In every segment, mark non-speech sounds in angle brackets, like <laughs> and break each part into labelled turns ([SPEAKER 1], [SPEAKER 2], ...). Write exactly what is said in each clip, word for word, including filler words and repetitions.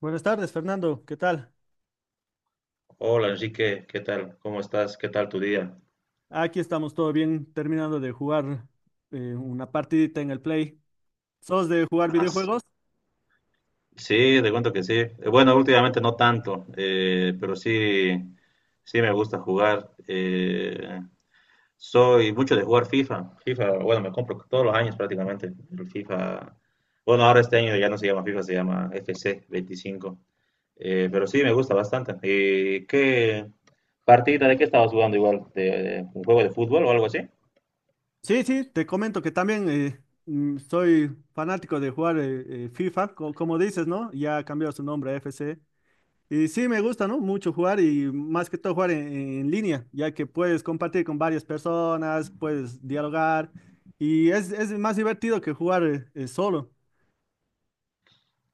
[SPEAKER 1] Buenas tardes, Fernando. ¿Qué tal?
[SPEAKER 2] Hola Enrique, ¿qué tal? ¿Cómo estás? ¿Qué tal tu día?
[SPEAKER 1] Aquí estamos todo bien, terminando de jugar eh, una partidita en el Play. ¿Sos de jugar
[SPEAKER 2] Ah, s-
[SPEAKER 1] videojuegos?
[SPEAKER 2] sí, te cuento que sí. Eh, Bueno, últimamente no tanto, eh, pero sí, sí me gusta jugar. Eh, soy mucho de jugar FIFA. FIFA, bueno, me compro todos los años prácticamente. El FIFA, bueno, ahora este año ya no se llama FIFA, se llama F C veinticinco. Eh, pero sí, me gusta bastante. ¿Y qué partida de qué estabas jugando igual? ¿De, de un juego de fútbol o algo así?
[SPEAKER 1] Sí, sí, te comento que también eh, mm, soy fanático de jugar eh, eh, FIFA, co- como dices, ¿no? Ya ha cambiado su nombre a F C. Y sí, me gusta, ¿no? Mucho jugar y más que todo jugar en, en línea, ya que puedes compartir con varias personas, puedes dialogar y es, es más divertido que jugar eh, eh, solo.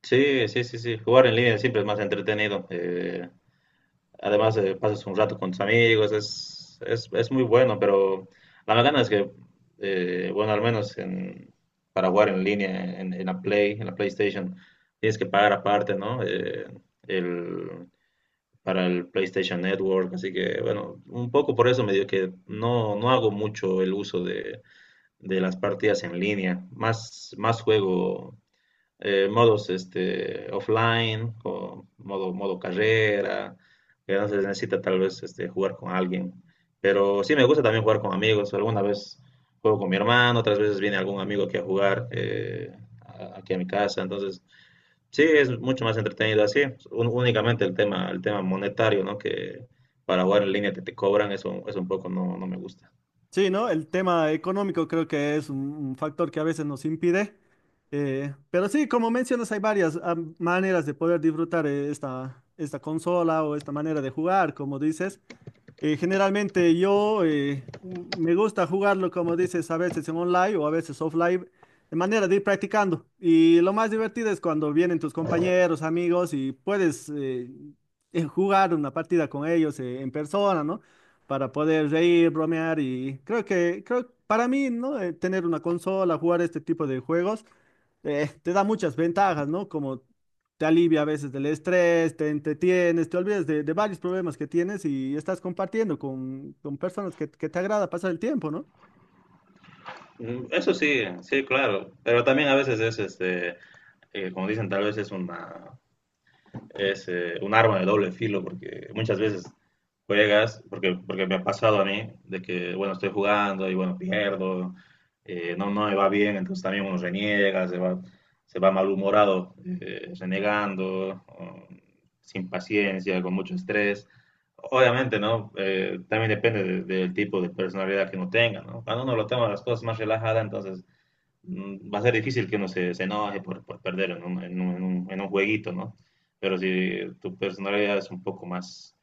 [SPEAKER 2] Sí, sí, sí, sí. Jugar en línea siempre es más entretenido. Eh, además, eh, pasas un rato con tus amigos, es, es, es muy bueno, pero la verdad es que, eh, bueno, al menos en, para jugar en línea, en, en la Play, en la PlayStation, tienes que pagar aparte, ¿no? Eh, el, para el PlayStation Network, así que, bueno, un poco por eso me dio que no, no hago mucho el uso de, de las partidas en línea. Más, más juego eh, modos este, offline, o modo, modo carrera, que no se necesita tal vez este, jugar con alguien. Pero sí me gusta también jugar con amigos. Alguna vez juego con mi hermano, otras veces viene algún amigo aquí a jugar eh, a- aquí a mi casa. Entonces, sí, es mucho más entretenido así. Un- únicamente el tema, el tema monetario, ¿no? Que para jugar en línea te, te cobran, eso, eso un poco no, no me gusta.
[SPEAKER 1] Sí, ¿no? El tema económico creo que es un, un factor que a veces nos impide. Eh, pero sí, como mencionas, hay varias ah, maneras de poder disfrutar eh, esta, esta consola o esta manera de jugar, como dices. Eh, generalmente yo eh, me gusta jugarlo, como dices, a veces en online o a veces offline, de manera de ir practicando. Y lo más divertido es cuando vienen tus compañeros, amigos y puedes eh, eh, jugar una partida con ellos eh, en persona, ¿no? Para poder reír, bromear y creo que, creo, para mí, ¿no? Eh, tener una consola, jugar este tipo de juegos eh, te da muchas ventajas, ¿no? Como te alivia a veces del estrés, te entretienes, te olvidas de, de varios problemas que tienes y estás compartiendo con, con personas que, que te agrada pasar el tiempo, ¿no?
[SPEAKER 2] Mm, eso sí, sí, claro. Pero también a veces es, este, eh, como dicen, tal vez es una, es eh, un arma de doble filo porque muchas veces juegas, porque, porque me ha pasado a mí, de que, bueno, estoy jugando y, bueno, pierdo, eh, no, no me va bien, entonces también uno reniega, se va, se va malhumorado, eh, renegando, o sin paciencia, con mucho estrés. Obviamente, ¿no? Eh, también depende de- del tipo de personalidad que uno tenga, ¿no? Cuando uno lo toma las cosas más relajadas, entonces mm, va a ser difícil que uno se, se enoje por, por perder en un, en un- en un- en un jueguito, ¿no? Pero si tu personalidad es un poco más,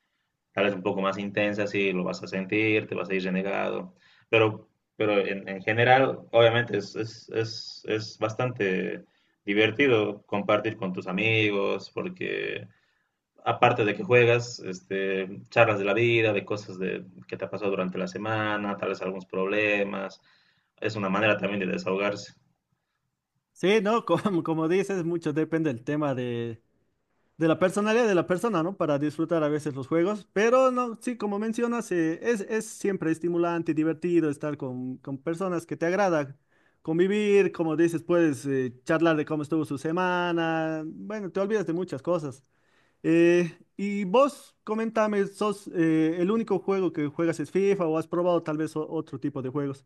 [SPEAKER 2] tal vez un poco más intensa, sí, lo vas a sentir, te vas a ir renegado. Pero, pero en, en general, obviamente, es, es, es, es bastante divertido compartir con tus amigos, porque aparte de que juegas, este, charlas de la vida, de cosas de, que te ha pasado durante la semana, tal vez algunos problemas. Es una manera también de desahogarse.
[SPEAKER 1] Sí, ¿no? <laughs> Como, como dices, mucho depende del tema de, de la personalidad de la persona, ¿no? Para disfrutar a veces los juegos, pero no, sí, como mencionas, eh, es, es siempre estimulante y divertido estar con, con personas que te agrada. Convivir, como dices, puedes eh, charlar de cómo estuvo su semana. Bueno, te olvidas de muchas cosas. Eh, y vos, comentame, ¿sos eh, el único juego que juegas es FIFA o has probado tal vez o- otro tipo de juegos?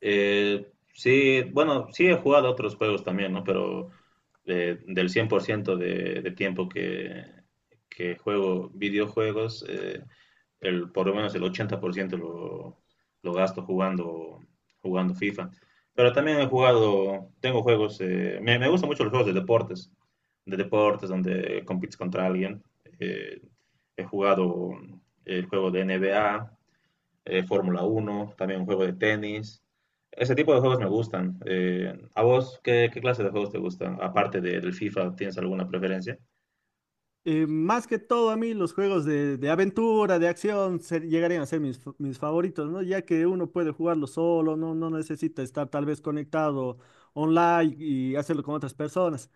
[SPEAKER 2] Eh, sí, bueno, sí he jugado a otros juegos también, ¿no? Pero eh, del cien por ciento de, de tiempo que, que juego videojuegos, eh, el, por lo menos el ochenta por ciento lo, lo gasto jugando, jugando FIFA. Pero también he jugado, tengo juegos, eh, me, me gustan mucho los juegos de deportes, de deportes donde compites contra alguien. Eh, He jugado el juego de N B A, eh, Fórmula uno, también un juego de tenis. Ese tipo de juegos me gustan. Eh, ¿a vos qué, qué clase de juegos te gustan? Aparte de- del FIFA, ¿tienes alguna preferencia?
[SPEAKER 1] Eh, más que todo a mí los juegos de, de aventura, de acción, ser- llegarían a ser mis, fa- mis favoritos, ¿no? Ya que uno puede jugarlo solo, no, no necesita estar tal vez conectado online y hacerlo con otras personas.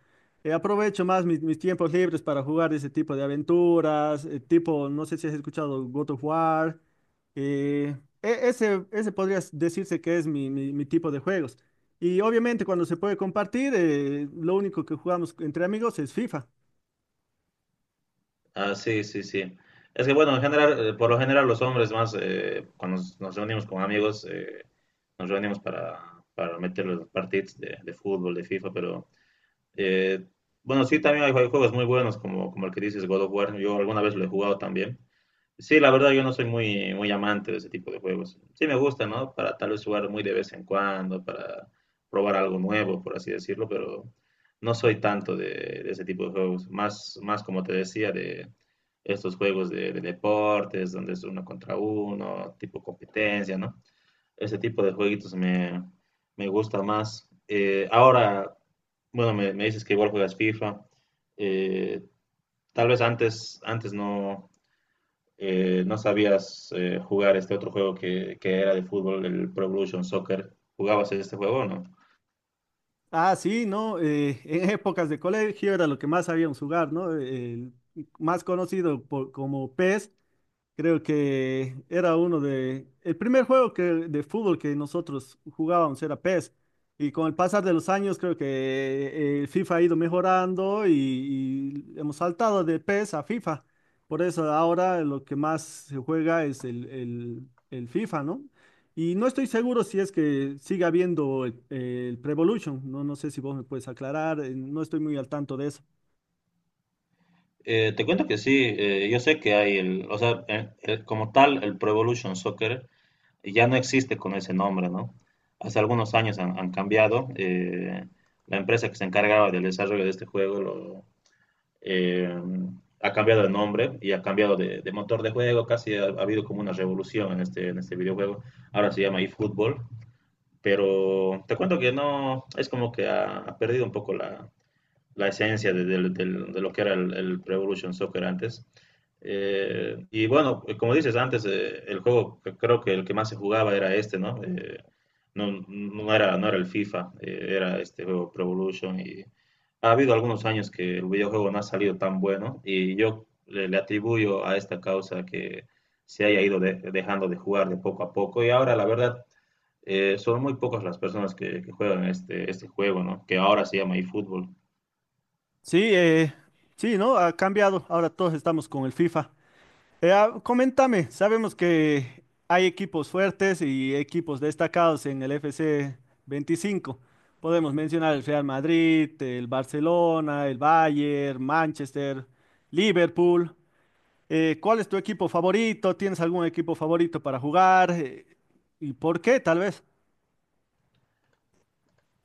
[SPEAKER 1] Eh, aprovecho más mis, mis tiempos libres para jugar ese tipo de aventuras, eh, tipo, no sé si has escuchado God of War. eh, e- Ese, ese podría decirse que es mi, mi- mi tipo de juegos. Y obviamente cuando se puede compartir, eh, lo único que jugamos entre amigos es FIFA.
[SPEAKER 2] Ah, sí, sí, sí. Es que bueno, en general, eh, por lo general los hombres más, eh, cuando nos, nos reunimos con amigos, eh, nos reunimos para, para meter los partidos de, de fútbol, de FIFA, pero eh, bueno, sí, también hay, hay juegos muy buenos como, como el que dices, God of War. Yo alguna vez lo he jugado también. Sí, la verdad yo no soy muy, muy amante de ese tipo de juegos. Sí me gusta, ¿no? Para tal vez jugar muy de vez en cuando, para probar algo nuevo, por así decirlo, pero no soy tanto de, de ese tipo de juegos. Más, más como te decía, de estos juegos de, de deportes, donde es uno contra uno, tipo competencia, ¿no? Ese tipo de jueguitos me, me gusta más. Eh, ahora, bueno, me, me dices que igual juegas FIFA. Eh, Tal vez antes, antes no eh, no sabías eh, jugar este otro juego que, que era de fútbol, el Pro Evolution Soccer. ¿Jugabas este juego o no?
[SPEAKER 1] Ah, sí, ¿no? Eh, en épocas de colegio era lo que más sabíamos jugar, ¿no? El más conocido por- como P E S, creo que era uno de... El primer juego que, de fútbol que nosotros jugábamos era P E S. Y con el pasar de los años creo que eh, el FIFA ha ido mejorando y, y hemos saltado de P E S a FIFA. Por eso ahora lo que más se juega es el, el- el FIFA, ¿no? Y no estoy seguro si es que sigue habiendo el, el evolution. No, no sé si vos me puedes aclarar. eh, No estoy muy al tanto de eso.
[SPEAKER 2] Eh, te cuento que sí, eh, yo sé que hay el, o sea, el- el- como tal, el Pro Evolution Soccer ya no existe con ese nombre, ¿no? Hace algunos años han, han cambiado. Eh, la empresa que se encargaba del desarrollo de este juego lo, eh, ha cambiado de nombre y ha cambiado de, de motor de juego. Casi ha, ha habido como una revolución en este, en este videojuego. Ahora se llama eFootball. Pero te cuento que no, es como que ha, ha perdido un poco la, la esencia de, de- del- de lo que era el, el Pro Evolution Soccer antes. Eh, y bueno, eh, como dices antes, eh, el juego que creo que el que más se jugaba era este, ¿no? Eh, no, no era, no era el FIFA, eh, era este juego Pro Evolution y ha habido algunos años que el videojuego no ha salido tan bueno y yo le, le atribuyo a esta causa que se haya ido de- dejando de jugar de poco a poco y ahora la verdad eh, son muy pocas las personas que, que juegan este, este juego, ¿no? Que ahora se llama eFootball.
[SPEAKER 1] Sí, eh, sí, ¿no? Ha cambiado. Ahora todos estamos con el FIFA. Eh, ah, coméntame, sabemos que hay equipos fuertes y equipos destacados en el F C veinticinco. Podemos mencionar el Real Madrid, el Barcelona, el Bayern, Manchester, Liverpool. Eh, ¿cuál es tu equipo favorito? ¿Tienes algún equipo favorito para jugar? Eh, ¿y por qué? Tal vez.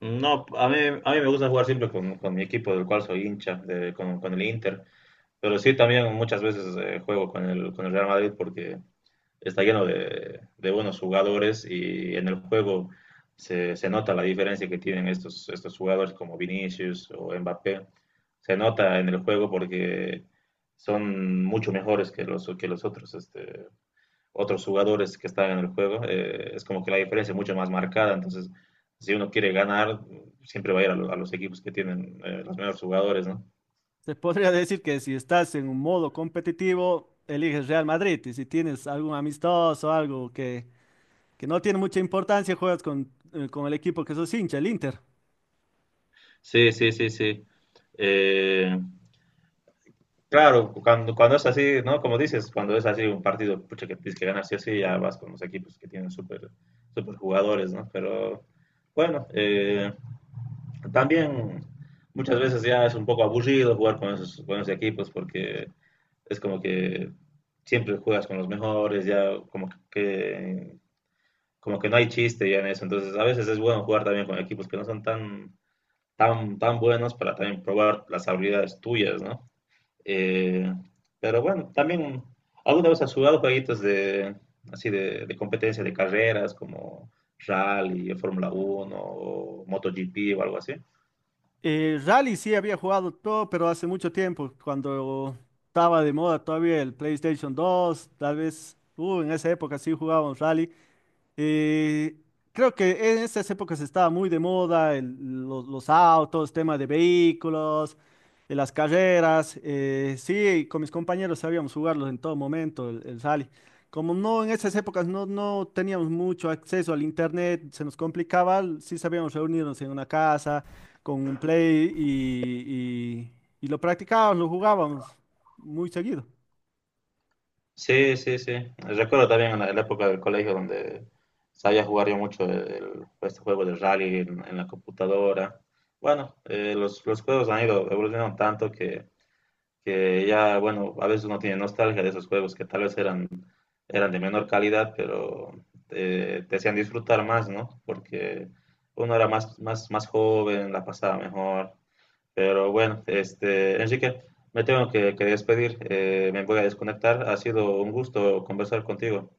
[SPEAKER 2] No, a mí, a mí me gusta jugar siempre con, con mi equipo del cual soy hincha, de- con, con el Inter, pero sí también muchas veces eh, juego con el, con el Real Madrid porque está lleno de, de buenos jugadores y en el juego se, se nota la diferencia que tienen estos, estos jugadores como Vinicius o Mbappé. Se nota en el juego porque son mucho mejores que los, que los otros este, otros jugadores que están en el juego, eh, es como que la diferencia es mucho más marcada. Entonces, si uno quiere ganar, siempre va a ir a, lo- a los equipos que tienen eh, los mejores jugadores, ¿no?
[SPEAKER 1] Se podría decir que si estás en un modo competitivo, eliges Real Madrid, y si tienes algún amistoso, algo que que no tiene mucha importancia, juegas con, eh, con el equipo que sos hincha, el Inter.
[SPEAKER 2] Sí, sí, sí, sí. Eh, claro, cuando, cuando es así, ¿no? Como dices, cuando es así un partido, pucha, que tienes que ganar sí o sí, ya vas con los equipos que tienen súper súper jugadores, ¿no? Pero bueno, eh, también muchas veces ya es un poco aburrido jugar con esos, con esos equipos porque es como que siempre juegas con los mejores, ya como que, como que no hay chiste ya en eso. Entonces a veces es bueno jugar también con equipos que no son tan, tan, tan buenos para también probar las habilidades tuyas, ¿no? Eh, pero bueno, también alguna vez has jugado jueguitos de, así de, de competencia de carreras como rally, Fórmula uno o MotoGP o algo así.
[SPEAKER 1] Eh, Rally sí había jugado todo, pero hace mucho tiempo, cuando estaba de moda todavía el PlayStation dos, tal vez, uh, en esa época sí jugábamos Rally. Eh, Creo que en esas épocas estaba muy de moda el- los, los autos, tema de vehículos, eh, las carreras. Eh, sí, con mis compañeros sabíamos jugarlos en todo momento, el, el rally. Como no en esas épocas no, no teníamos mucho acceso al internet, se nos complicaba, l- sí sabíamos reunirnos en una casa con un play y, y y lo practicábamos, lo jugábamos muy seguido.
[SPEAKER 2] Sí, sí, sí. Recuerdo también en la, en la época del colegio donde sabía jugar yo mucho el- este juego de rally en, en la computadora. Bueno, eh, los, los juegos han ido evolucionando tanto que, que ya, bueno, a veces uno tiene nostalgia de esos juegos que tal vez eran, eran de menor calidad, pero eh, te hacían disfrutar más, ¿no? Porque uno era más, más, más joven, la pasaba mejor. Pero bueno, este, Enrique, me tengo que, que despedir. Eh, me voy a desconectar. Ha sido un gusto conversar contigo.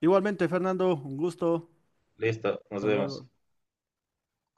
[SPEAKER 1] Igualmente, Fernando, un gusto.
[SPEAKER 2] Listo, nos
[SPEAKER 1] Hasta
[SPEAKER 2] vemos.
[SPEAKER 1] luego.